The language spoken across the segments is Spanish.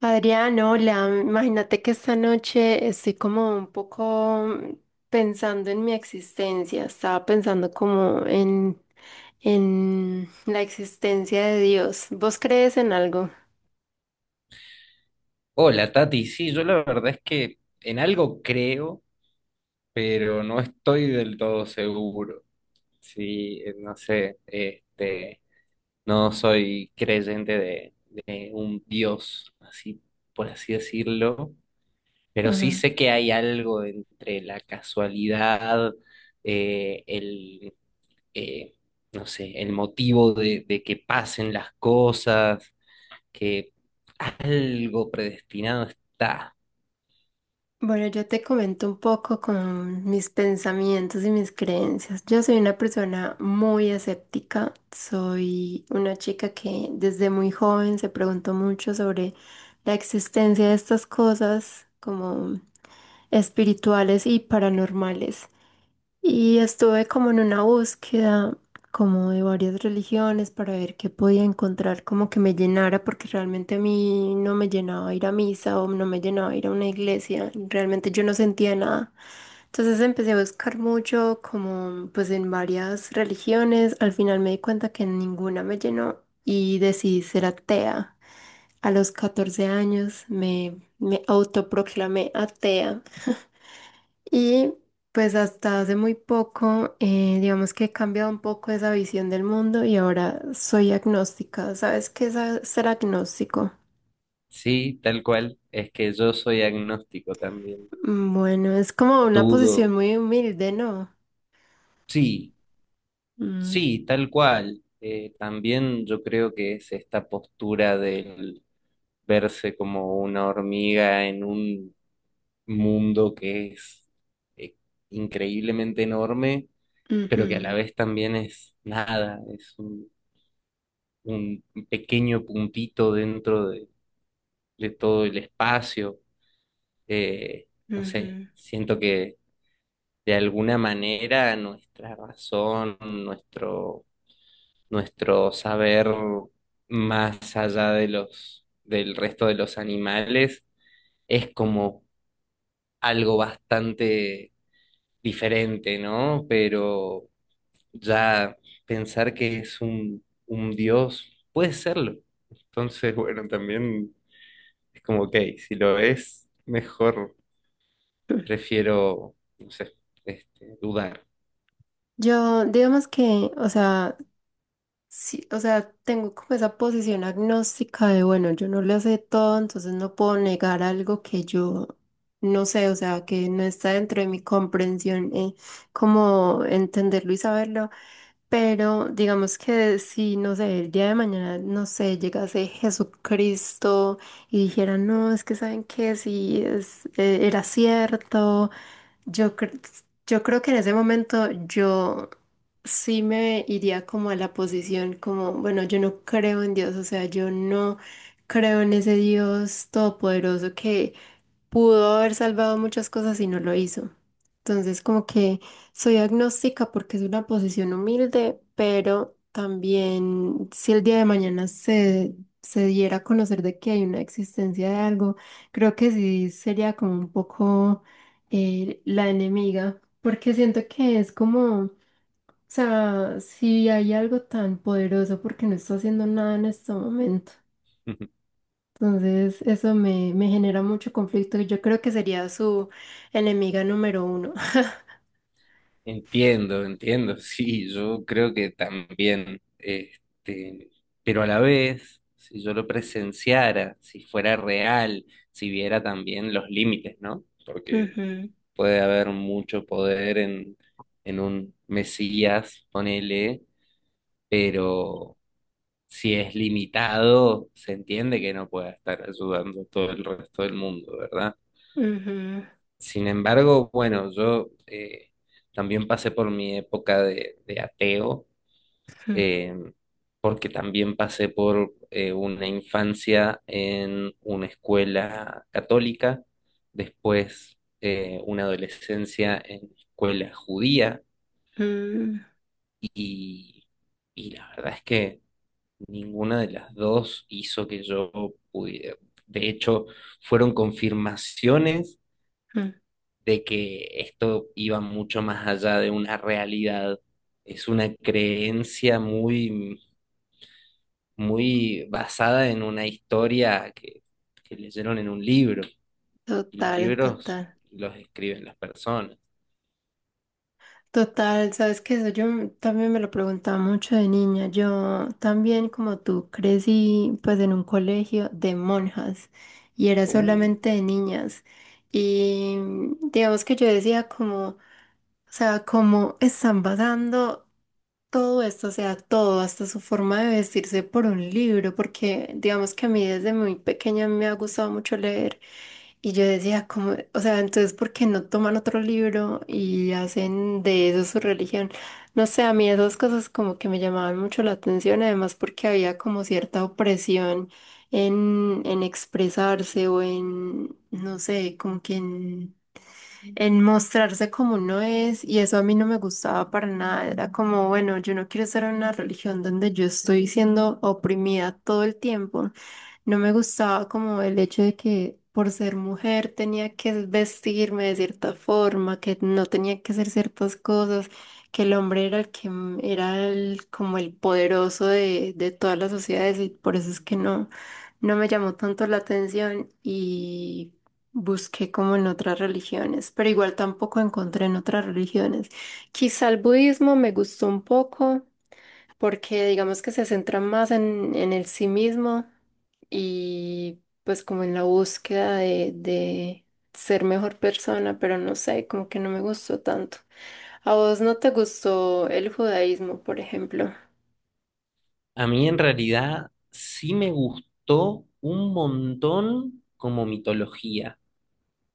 Adrián, hola. Imagínate que esta noche estoy como un poco pensando en mi existencia. Estaba pensando como en la existencia de Dios. ¿Vos crees en algo? Hola Tati, sí, yo la verdad es que en algo creo, pero no estoy del todo seguro. Sí, no sé, este, no soy creyente de un Dios, así por así decirlo, pero sí sé Ajá. que hay algo entre la casualidad, eh, el, eh, no sé, el motivo de que pasen las cosas, que algo predestinado está. Bueno, yo te comento un poco con mis pensamientos y mis creencias. Yo soy una persona muy escéptica, soy una chica que desde muy joven se preguntó mucho sobre la existencia de estas cosas como espirituales y paranormales. Y estuve como en una búsqueda como de varias religiones para ver qué podía encontrar como que me llenara, porque realmente a mí no me llenaba ir a misa o no me llenaba ir a una iglesia, realmente yo no sentía nada. Entonces empecé a buscar mucho como pues en varias religiones, al final me di cuenta que ninguna me llenó y decidí ser atea. A los 14 años me autoproclamé atea. Y pues hasta hace muy poco, digamos que he cambiado un poco esa visión del mundo y ahora soy agnóstica. ¿Sabes qué es ser agnóstico? Sí, tal cual. Es que yo soy agnóstico también. Mm, bueno, es como una posición Dudo. muy humilde, ¿no? Sí, Mm, sí, tal cual. También yo creo que es esta postura del verse como una hormiga en un mundo que es eh, increíblemente enorme, pero que a la ujú, vez también es nada, es un pequeño puntito dentro de todo el espacio. Eh, no sé, ujú. siento que de alguna manera nuestra razón, nuestro saber más allá de del resto de los animales, es como algo bastante diferente, ¿no? Pero ya pensar que es un dios, puede serlo. Entonces, bueno, también es como, ok, si lo es, mejor prefiero, no sé, este, dudar. Yo, digamos que, o sea, sí, o sea, tengo como esa posición agnóstica de, bueno, yo no lo sé todo, entonces no puedo negar algo que yo no sé, o sea, que no está dentro de mi comprensión, como entenderlo y saberlo, pero digamos que si, no sé, el día de mañana, no sé, llegase Jesucristo y dijera, no, es que saben que si es, era cierto. Yo, yo creo que en ese momento yo sí me iría como a la posición como, bueno, yo no creo en Dios, o sea, yo no creo en ese Dios todopoderoso que, pudo haber salvado muchas cosas y no lo hizo. Entonces, como que soy agnóstica porque es una posición humilde, pero también si el día de mañana se diera a conocer de que hay una existencia de algo, creo que sí sería como un poco la enemiga, porque siento que es como, o sea, si hay algo tan poderoso, ¿porque no está haciendo nada en este momento? Entonces, eso me genera mucho conflicto y yo creo que sería su enemiga número uno. Entiendo, entiendo, sí, yo creo que también, este, pero a la vez, si yo lo presenciara, si fuera real, si viera también los límites, ¿no? Porque puede haber mucho poder en un Mesías, ponele, pero si es limitado, se entiende que no pueda estar ayudando a todo el resto del mundo, ¿verdad? Ujú, ujú, Sin embargo, bueno, yo también pasé por mi época de ateo eh, porque también pasé por una infancia en una escuela católica, después una adolescencia en escuela judía ujú, y, y la verdad es que ninguna de las dos hizo que yo pudiera. De hecho, fueron confirmaciones ujú. de que esto iba mucho más allá de una realidad. Es una creencia muy basada en una historia que leyeron en un libro. Y los Total, libros total. los escriben las personas. Total, sabes que eso yo también me lo preguntaba mucho de niña. Yo también, como tú, crecí pues en un colegio de monjas y era Uh, solamente de niñas. Y mm, digamos que yo decía como, o sea, ¿cómo están basando todo esto? O sea, todo, hasta su forma de vestirse por un libro, porque digamos que a mí desde muy pequeña me ha gustado mucho leer y yo decía como, o sea, entonces, ¿por qué no toman otro libro y hacen de eso su religión? No sé, a mí esas cosas como que me llamaban mucho la atención, además porque había como cierta opresión en expresarse o en, no sé, como que en mostrarse como uno es, y eso a mí no me gustaba para nada. Era como, bueno, yo no quiero estar en una religión donde yo estoy siendo oprimida todo el tiempo. No me gustaba como el hecho de que por ser mujer tenía que vestirme de cierta forma, que no tenía que hacer ciertas cosas, que el hombre era el era el, como el poderoso de todas las sociedades y por eso es que no, no me llamó tanto la atención y busqué como en otras religiones, pero igual tampoco encontré en otras religiones. Quizá el budismo me gustó un poco porque digamos que se centra más en el sí mismo y pues como en la búsqueda de ser mejor persona, pero no sé, como que no me gustó tanto. ¿A vos no te gustó el judaísmo, por ejemplo? A mí en realidad sí me gustó un montón como mitología,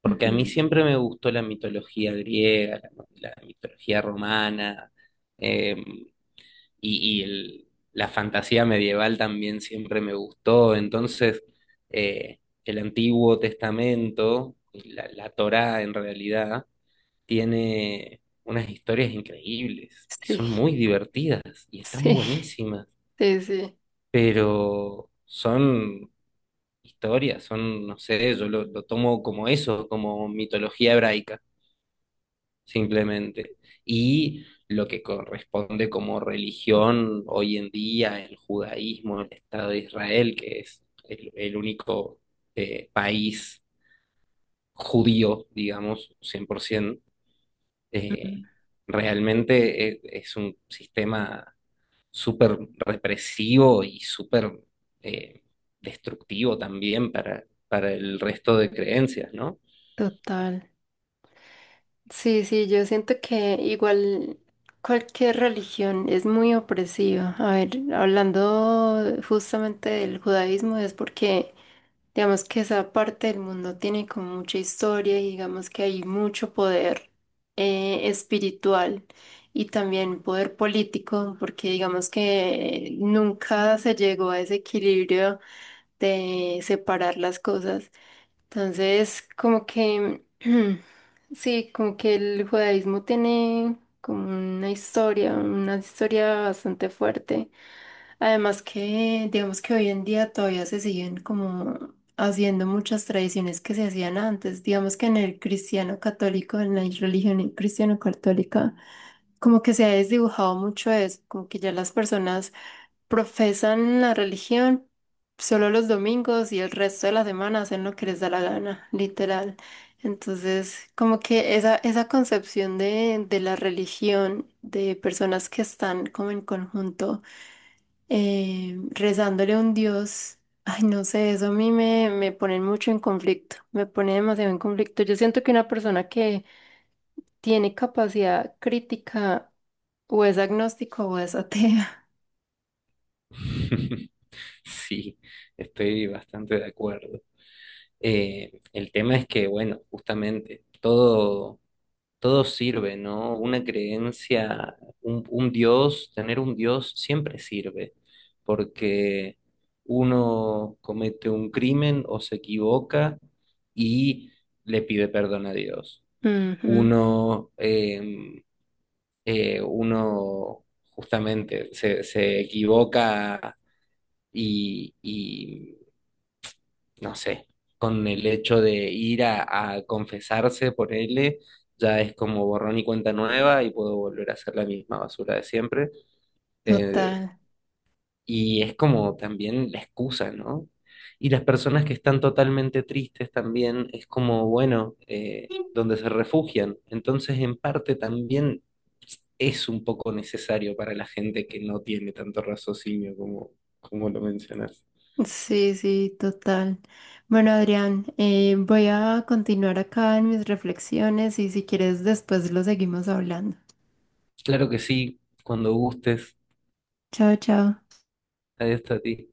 porque a mí Ujú. siempre me gustó la mitología griega, la mitología romana. eh, y, y el- la fantasía medieval también siempre me gustó. Entonces, eh, el Antiguo Testamento, la Torá en realidad, tiene unas historias increíbles y Sí, son muy divertidas y están sí, buenísimas, sí, sí, pero son historias, son, no sé, yo lo tomo como eso, como mitología hebraica simplemente. Y lo que corresponde como religión hoy en día, el judaísmo, el Estado de Israel, que es el único país judío, digamos, 100%, eh, realmente es, un sistema súper represivo y súper eh, destructivo también para el resto de creencias, ¿no? total. Sí, sí, yo siento que igual cualquier religión es muy opresiva. A ver, hablando justamente del judaísmo, es porque digamos que esa parte del mundo tiene como mucha historia y digamos que hay mucho poder espiritual y también poder político, porque digamos que nunca se llegó a ese equilibrio de separar las cosas. Entonces, como que, sí, como que el judaísmo tiene como una historia bastante fuerte. Además que, digamos que hoy en día todavía se siguen como haciendo muchas tradiciones que se hacían antes. Digamos que en el cristiano católico, en la religión cristiano católica, como que se ha desdibujado mucho eso, como que ya las personas profesan la religión solo los domingos y el resto de la semana hacen lo que les da la gana, literal. Entonces, como que esa concepción de la religión, de personas que están como en conjunto rezándole a un Dios. Ay, no sé, eso a mí me pone mucho en conflicto, me pone demasiado en conflicto. Yo siento que una persona que tiene capacidad crítica o es agnóstico o es atea. Sí, estoy bastante de acuerdo. El tema es que, bueno, todo sirve, ¿no? Una creencia, un Dios, tener un Dios siempre sirve, porque uno comete un crimen o se equivoca y le pide perdón a Dios. Ujú, Uno, uno justamente se, se equivoca y no sé, con el hecho de ir a confesarse por él, ya es como borrón y cuenta nueva y puedo volver a hacer la misma basura de siempre. Eh, total. y es como también la excusa, ¿no? Y las personas que están totalmente tristes también es como, bueno, donde se refugian. Entonces, en parte también es un poco necesario para la gente que no tiene tanto raciocinio como, como lo mencionas. Sí, sí, total. Bueno, Adrián, voy a continuar acá en mis reflexiones y si quieres después lo seguimos hablando. Claro que sí, cuando gustes, Chao, chao. ahí está a ti.